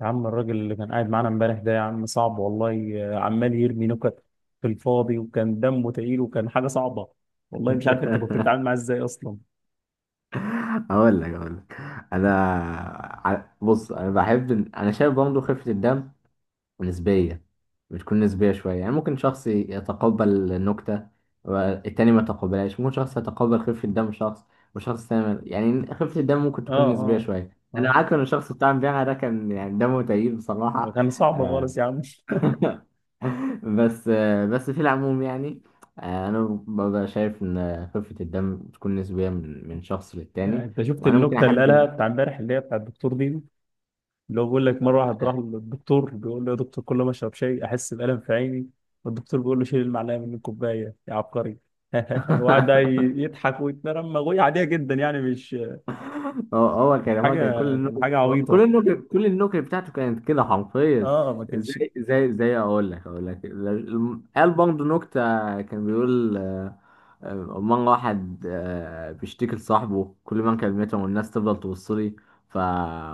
يا عم الراجل اللي كان قاعد معانا امبارح ده، يا عم صعب والله. عمال يرمي نكت في الفاضي، وكان دمه تقيل، وكان حاجة صعبة. والله مش عارف انت كنت بتتعامل معاه ازاي اصلا. اقول لك انا بص انا بحب انا شايف برضه خفه الدم نسبيه. بتكون نسبيه شويه، يعني ممكن شخص يتقبل النكته والتاني ما يتقبلهاش، ممكن شخص يتقبل خفه الدم شخص، وشخص تاني يعني خفه الدم ممكن اه، تكون نسبيه اه، شويه. انا اه، معاك ان الشخص بتاع امبارح ده كان يعني دمه تقيل ده بصراحه. كان صعب آه. خالص يا عم. بس بس في العموم يعني انا ببقى شايف ان خفة الدم بتكون نسبية من شخص للتاني. انت شفت وانا ممكن النكتة اللي احب قالها بتاع امبارح، اللي هي بتاع الدكتور دي؟ اللي هو بيقول لك: مرة واحد راح للدكتور بيقول له: يا دكتور، كل ما اشرب شاي احس بألم في عيني. والدكتور بيقول له: شيل المعلقة من الكوباية يا عبقري. وقعد بقى يضحك ويتنرمغ، وهي عادية جدا يعني، مش هو هو كان هو حاجة. كان كل كان النكت حاجة كل عبيطة. النكت كل النكت بتاعته كانت كده حرفيا. اه، ما كانش زي اقول لك قال برضه نكتة. كان بيقول آه، مرة واحد بيشتكي لصاحبه، كل ما كلمته والناس تفضل تبص لي. ف...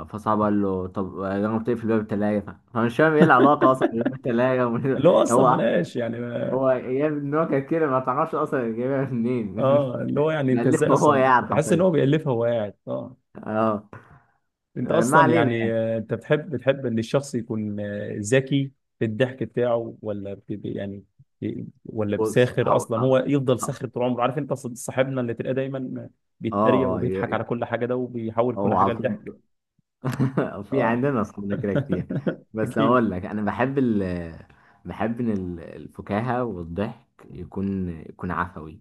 فصاحبه قال له طب جرب تقفل باب التلاجة. فمش فاهم ايه العلاقة اصلا بين باب التلاجة اللي هو اصلا هو ملهاش يعني ما... هو جاب النكت كده، ما تعرفش اصلا جايبها منين. اه، اللي هو يعني انت ازاي مألفه هو اصلا يعني بحس ان حرفيا. هو بيألفها وهو قاعد؟ اه. اه. انت آه، ما اصلا علينا. يعني، انت بتحب ان الشخص يكون ذكي في الضحك بتاعه، ولا ولا بص، بساخر هو. اصلا؟ هو اه. يفضل اه. ساخر طول عمره. عارف انت، صاحبنا اللي تلاقيه دايما آه، بيتريق آه، وبيضحك على ي- كل حاجه ده، وبيحول كل هو على حاجه لضحك. طول. في اه. عندنا اصحابنا كده كتير. بس اكيد. اقول لك، انا بحب ان الفكاهة والضحك يكون عفوي.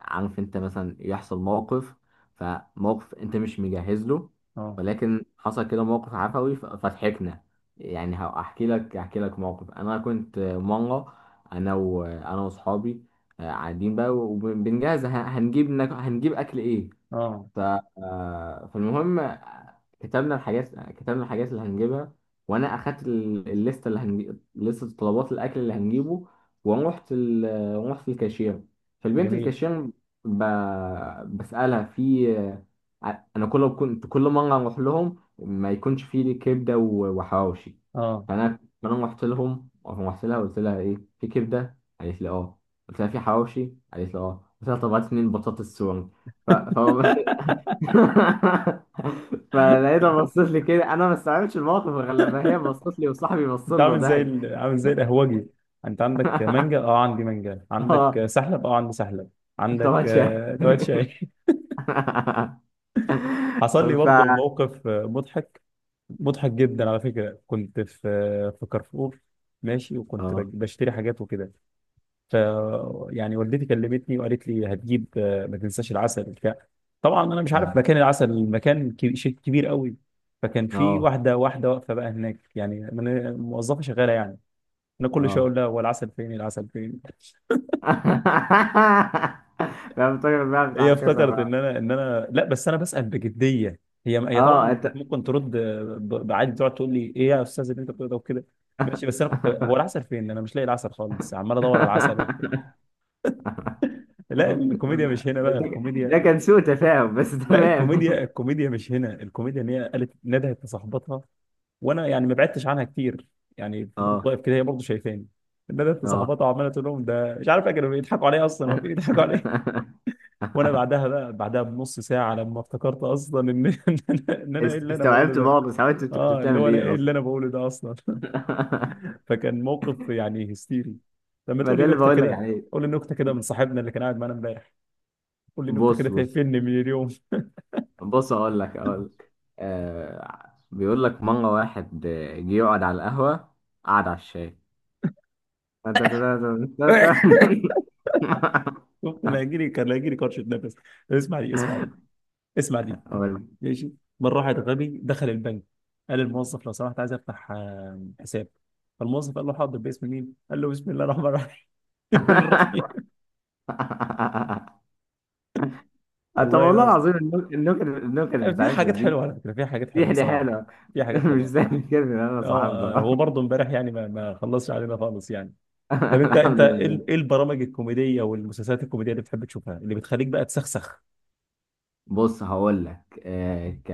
عارف انت، مثلا يحصل موقف، فموقف انت مش مجهز له، اه، ولكن حصل كده موقف عفوي فضحكنا. يعني هحكي لك احكي لك موقف. انا كنت مرة، انا واصحابي، قاعدين بقى وبنجهز هنجيب اكل ايه. اه، ف... آه، فالمهم كتبنا الحاجات اللي هنجيبها. وانا اخدت الليسته، اللي هنجيب لسته طلبات الاكل اللي هنجيبه. ورحت رحت الكاشير. فالبنت جميل. الكاشير ب... بسالها، في انا كنت كل مره اروح لهم ما يكونش في كبده و- وحواوشي. اه، فانا رحت لها قلت لها ايه في كبده، قالت لي اه، قلت لها في حواوشي، قالت لي اه، قلت لها طب هات 2 بطاطس سوري. ف... ف... فلقيتها بصت لي كده، انا ما استوعبتش الموقف غير لما هي بصت لي وصاحبي بص انت له عامل زي ضحك. ال... عامل زي القهوجي. انت عندك مانجا؟ اه عندي مانجا. اه، عندك سحلب؟ اه عندي سحلب. انت عندك ما شايف. توات شاي؟ حصل لي ف برضه موقف مضحك. مضحك جدا على فكره. كنت في في كارفور ماشي، وكنت اه بشتري حاجات وكده. ف يعني والدتي كلمتني وقالت لي: هتجيب، ما تنساش العسل بتاع. طبعا انا مش أمم. عارف مكان العسل، المكان كبير، شيء كبير قوي. فكان في اه. واحده واقفه بقى هناك يعني، موظفه شغاله يعني. انا كل شويه اه. اقول لها: هو العسل فين؟ العسل فين؟ لا، بتفكر بقى هي بتاع كذا افتكرت ان بقى. انا، ان انا، لا بس انا بسال بجديه. هي اه طبعا انت. كانت ممكن ترد بعادي، تقعد تقول لي: ايه يا استاذ اللي انت بتقوله ده وكده؟ ماشي. بس انا كنت: هو العسل فين؟ انا مش لاقي العسل خالص، عمال ادور على العسل وبتاع. لا الكوميديا مش هنا بقى، ده الكوميديا... كان سوء تفاهم بس، لا تمام. الكوميديا، الكوميديا مش هنا، الكوميديا ان هي قالت، ندهت لصاحبتها، وانا يعني ما بعدتش عنها كتير يعني، فضلت اه. واقف كده، هي برضه شايفاني. ندهت اه. لصاحبتها وعماله تقول لهم: ده مش عارف إيه، كانوا بيضحكوا عليا اصلا، هو في بيضحكوا عليا. وانا بعدها بقى، بعدها بنص ساعه، لما افتكرت اصلا ان ان انا، إن أنا ايه اللي انا بقوله استوعبت ده. بعض، بس حاولت انت كنت اه، اللي بتعمل هو أنا ايه ايه اللي اصلا؟ انا بقوله ده اصلا. فكان موقف يعني هستيري. لما ما تقول ده لي اللي نكته بقول لك كده، عليه. قول لي نكته كده من صاحبنا اللي كان قاعد معانا امبارح. قول لي نكته بص كده بص فيني من اليوم. بص اقول لك. بيقول لك مره واحد جه يقعد على القهوه، قعد على الشاي. شفت، انا هيجي لي، كان هيجي لي كرشه نفس. اسمع دي، اسمع دي، اسمع دي. أقول لك. ماشي. مره واحد غبي دخل البنك، قال الموظف: لو سمحت، عايز افتح حساب. فالموظف قال له: حاضر، باسم مين؟ قال له: بسم الله الرحمن الرحيم. الرحيم. طب والله والله لا. العظيم، النكت في بتاعتنا حاجات دي. حلوه على فكره، في حاجات دي حلوه حاجة صراحه، حلوه. في حاجات مش حلوه. زي الكلمه اللي انا اه، صاحبها. هو برضه امبارح يعني ما خلصش علينا خالص يعني. طب انت، انت الحمد ايه لله. إيه البرامج الكوميديه والمسلسلات الكوميديه اللي بتحب تشوفها، اللي بتخليك بقى تسخسخ؟ بص، هقول لك آه ك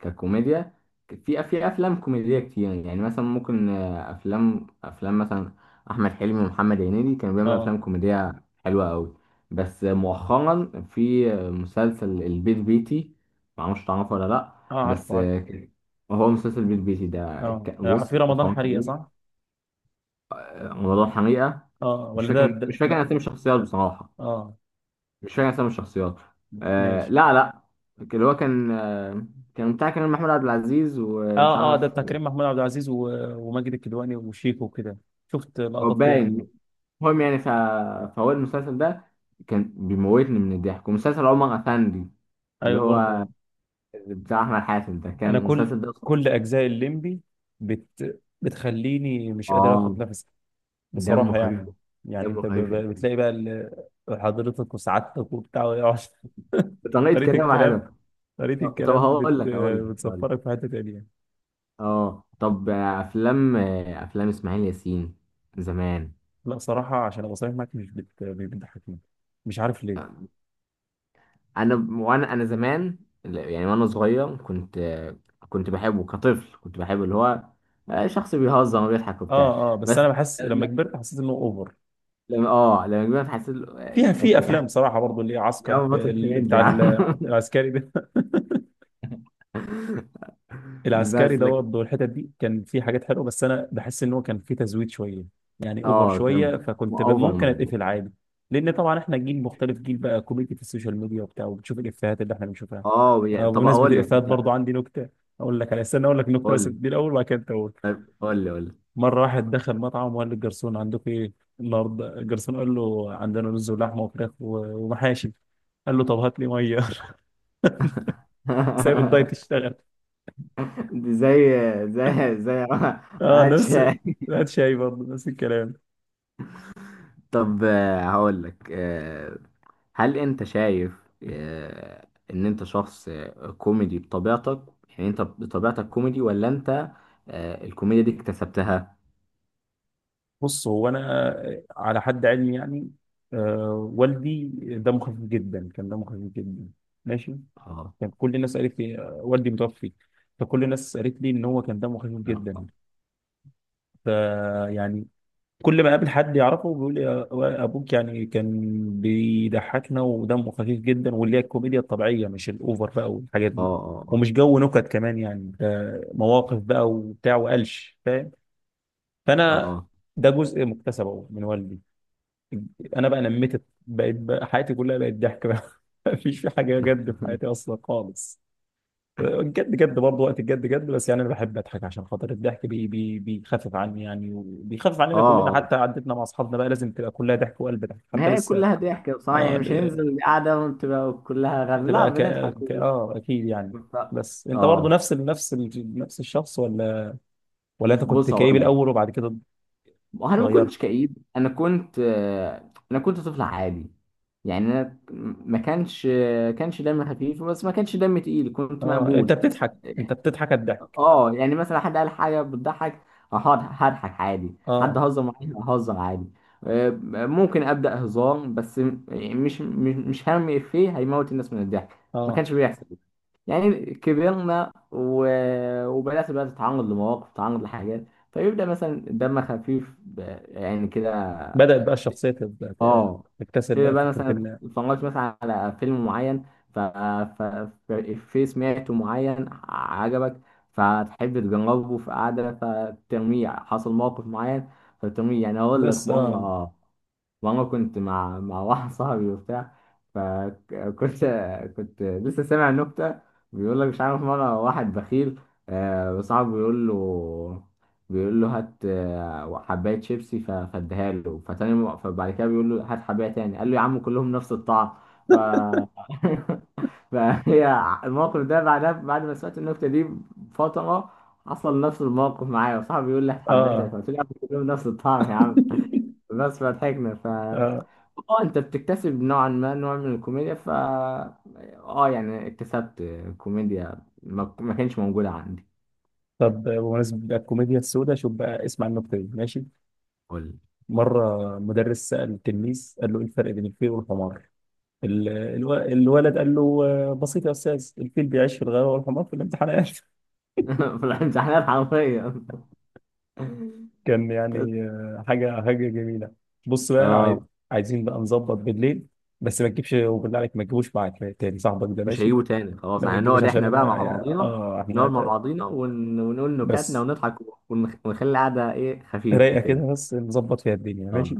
ككوميديا، في افلام كوميديه كتير. يعني مثلا ممكن افلام مثلا احمد حلمي ومحمد هنيدي كانوا بيعملوا اه. افلام كوميديه حلوه قوي. بس مؤخرا في مسلسل البيت بيتي، معرفش تعرفه ولا لا؟ اه، عارف بس عارف. هو مسلسل البيت بيتي ده، اه، في بص، رمضان اتفرجت حريقه عليه. صح. موضوع حقيقه. اه مش ولا ده, فاكر مش ده فاكر لا. اسامي الشخصيات بصراحه. اه. مش فاكر اسامي الشخصيات. آه. ماشي. لا لا. اللي هو كان كان بتاع كريم محمود عبد العزيز ومش اه، اه، ده عارف. بتاع كريم محمود عبد العزيز، وماجد الكدواني وشيكو وكده. شفت هو لقطات كده منه. باين. المهم يعني، فهو المسلسل ده كان بيموتني من الضحك، ومسلسل عمر افندي اللي ايوه هو برضه. بتاع احمد حاتم ده. انا كان كل، المسلسل ده كل اجزاء الليمبي بتخليني مش قادر اخد اه. نفسي دمه بصراحة خفيف. يعني. يعني دمه انت خفيف أوي. بتلاقي بقى ال- حضرتك وسعادتك وبتاع ويقعد- بطريقه طريقة كلامه الكلام، حلوه. طريقة طب الكلام هقول لك هقول لك هقول لك بتسفرك في حتة تانية. اه، طب افلام افلام اسماعيل ياسين زمان. لا صراحة، عشان ابقى صريح معاك، مش بتضحكني. مش عارف ليه. انا انا زمان يعني، وانا صغير، كنت بحبه كطفل. كنت بحبه اللي هو شخص بيهزر وبيضحك وبتاع. اه. اه بس بس انا بحس لما لا- كبرت حسيت انه اوفر لما كبرت، حسيت فيها. في افلام صراحة برضو اللي هي يا عسكر عم في بطل كوميدي بتاع يا عم. العسكري ده. العسكري بس ده لكن برضه والحتت دي كان في حاجات حلوه، بس انا بحس ان هو كان في تزويد شويه يعني، اوفر اه، كان شويه، فكنت اوفر ممكن الموضوع. اتقفل عادي. لان طبعا احنا جيل مختلف، جيل بقى كوميديا في السوشيال ميديا وبتاع، وبتشوف الافيهات اللي احنا بنشوفها. اه، يعني طب بمناسبه اقول لك الافيهات انت. برضه عندي نكته. اقول لك على، استنى اقول لك نكته قول بس لي. دي الاول، وبعد كده أنت قول. طيب قول لي مره واحد دخل مطعم وقال للجرسون: عندكم ايه النهارده؟ الجرسون قال له: عندنا رز ولحمه وفراخ ومحاشي. قال له: طب هات لي ميه. سايب الدايت يشتغل. دي زي. زي. اه هاتش. نفس. لا شاي برضه نفس الكلام. طب هقول لك هل انت شايف ان انت شخص كوميدي بطبيعتك؟ يعني انت بطبيعتك كوميدي، ولا انت الكوميديا دي اكتسبتها؟ بص هو انا على حد علمي يعني، آه والدي دمه خفيف جدا، كان دمه خفيف جدا. ماشي. اه. كان كل الناس قالت لي، والدي متوفي، فكل الناس قالت لي ان هو كان دمه خفيف اه. جدا. اه. فيعني كل ما اقابل حد يعرفه بيقول لي: ابوك يعني كان بيضحكنا ودمه خفيف جدا، واللي هي الكوميديا الطبيعيه، مش الاوفر بقى والحاجات دي، اه. ومش جو نكت كمان يعني، ده مواقف بقى وبتاع وقلش فاهم. فانا اه. ده جزء مكتسب أهو من والدي. انا بقى نميت، بقيت بقى حياتي كلها بقت ضحك بقى. مفيش في حاجه جد في حياتي اصلا خالص، الجد جد برضه وقت الجد جد، بس يعني انا بحب اضحك عشان خاطر الضحك، بي بي بيخفف عني يعني، وبيخفف اه. عننا كلنا، آه. حتى عدتنا مع اصحابنا بقى لازم تبقى كلها ضحك وقلب ضحك حتى ما هي لسه. كلها ضحك بصراحة، اه، يعني مش هننزل قاعدة وتبقى كلها مش غم، لا، هتبقى ك... بنضحك ك... اه اكيد يعني. ف- بس انت برضه اه. نفس ال... نفس ال... نفس الشخص، ولا ولا انت كنت بص كئيب هقول لك، الاول وبعد كده انا ما اتغيرت؟ كنتش كئيب. انا كنت انا كنت طفل عادي يعني. انا ما كانش دمي خفيف بس ما كانش دمي تقيل، كنت اه انت مقبول. بتضحك، انت بتضحك الضحك. اه، يعني مثلا حد قال حاجه بتضحك، هقعد هضحك عادي، حد اه. هزر معايا ههزر عادي. آه، ممكن ابدا هزار، بس مش هرمي افيه هيموت الناس من الضحك. ما اه كانش بيحصل. يعني كبرنا وبدات بقى تتعرض لمواقف، تتعرض لحاجات، فيبدا مثلا دم خفيف يعني كده. بدأت بقى الشخصية اه، تكتسب كده بقى بقى فكرة مثلا إن، اتفرجت مثلا على فيلم معين، ف... ف... في سمعته معين عجبك، فتحب تجربه في قعدة فترميه، حصل موقف معين فترميه. يعني أقول لك بس آه. مرة، ماما كنت مع واحد صاحبي وبتاع، فكنت لسه سامع نكتة. بيقول لك مش عارف، مرة واحد بخيل، صاحبه بيقول له هات حباية شيبسي فاديها له. فتاني فبعد كده بيقول له هات حباية تاني، قال له يا عم كلهم نفس الطعم. ف فهي الموقف ده بعدها، بعد ما سمعت النكتة دي بفترة، حصل نفس الموقف معايا. وصاحبي بيقول لي هات حباية تاني، آه. فقلت له يا عم كلهم نفس الطعم يا عم، بس فضحكنا. آه اه، انت بتكتسب نوعا ما نوع من الكوميديا. اه، يعني اكتسبت كوميديا ما, ما كانش موجودة عندي. طب بمناسبة بقى الكوميديا السوداء، شوف بقى اسمع النكتة دي ماشي. قول. مرة مدرس سأل التلميذ قال له: إيه الفرق بين الفيل والحمار؟ الولد قال له: بسيط يا أستاذ، الفيل بيعيش في الغابة والحمار في الامتحانات. في الامتحانات حرفيا. كان يعني حاجة حاجة جميلة. بص بقى اه، عايزين بقى نظبط بالليل. بس ما تجيبش، وبالله عليك ما تجيبوش معاك تاني صاحبك ده، مش ماشي؟ هيجيبوا تاني خلاص. لا ما يعني تجيبوش، نقعد عشان احنا بقى مع انا بعضينا. اه نقعد احنا مع بعضينا ونقول نكاتنا بس ونضحك. ونخلي القعدة ايه خفيفة رايقه كده، كده. بس نظبط فيها الدنيا، اه، ماشي.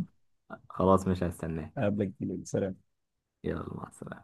خلاص مش هستناك. اقابلك بالليل، سلام. يلا مع السلامة.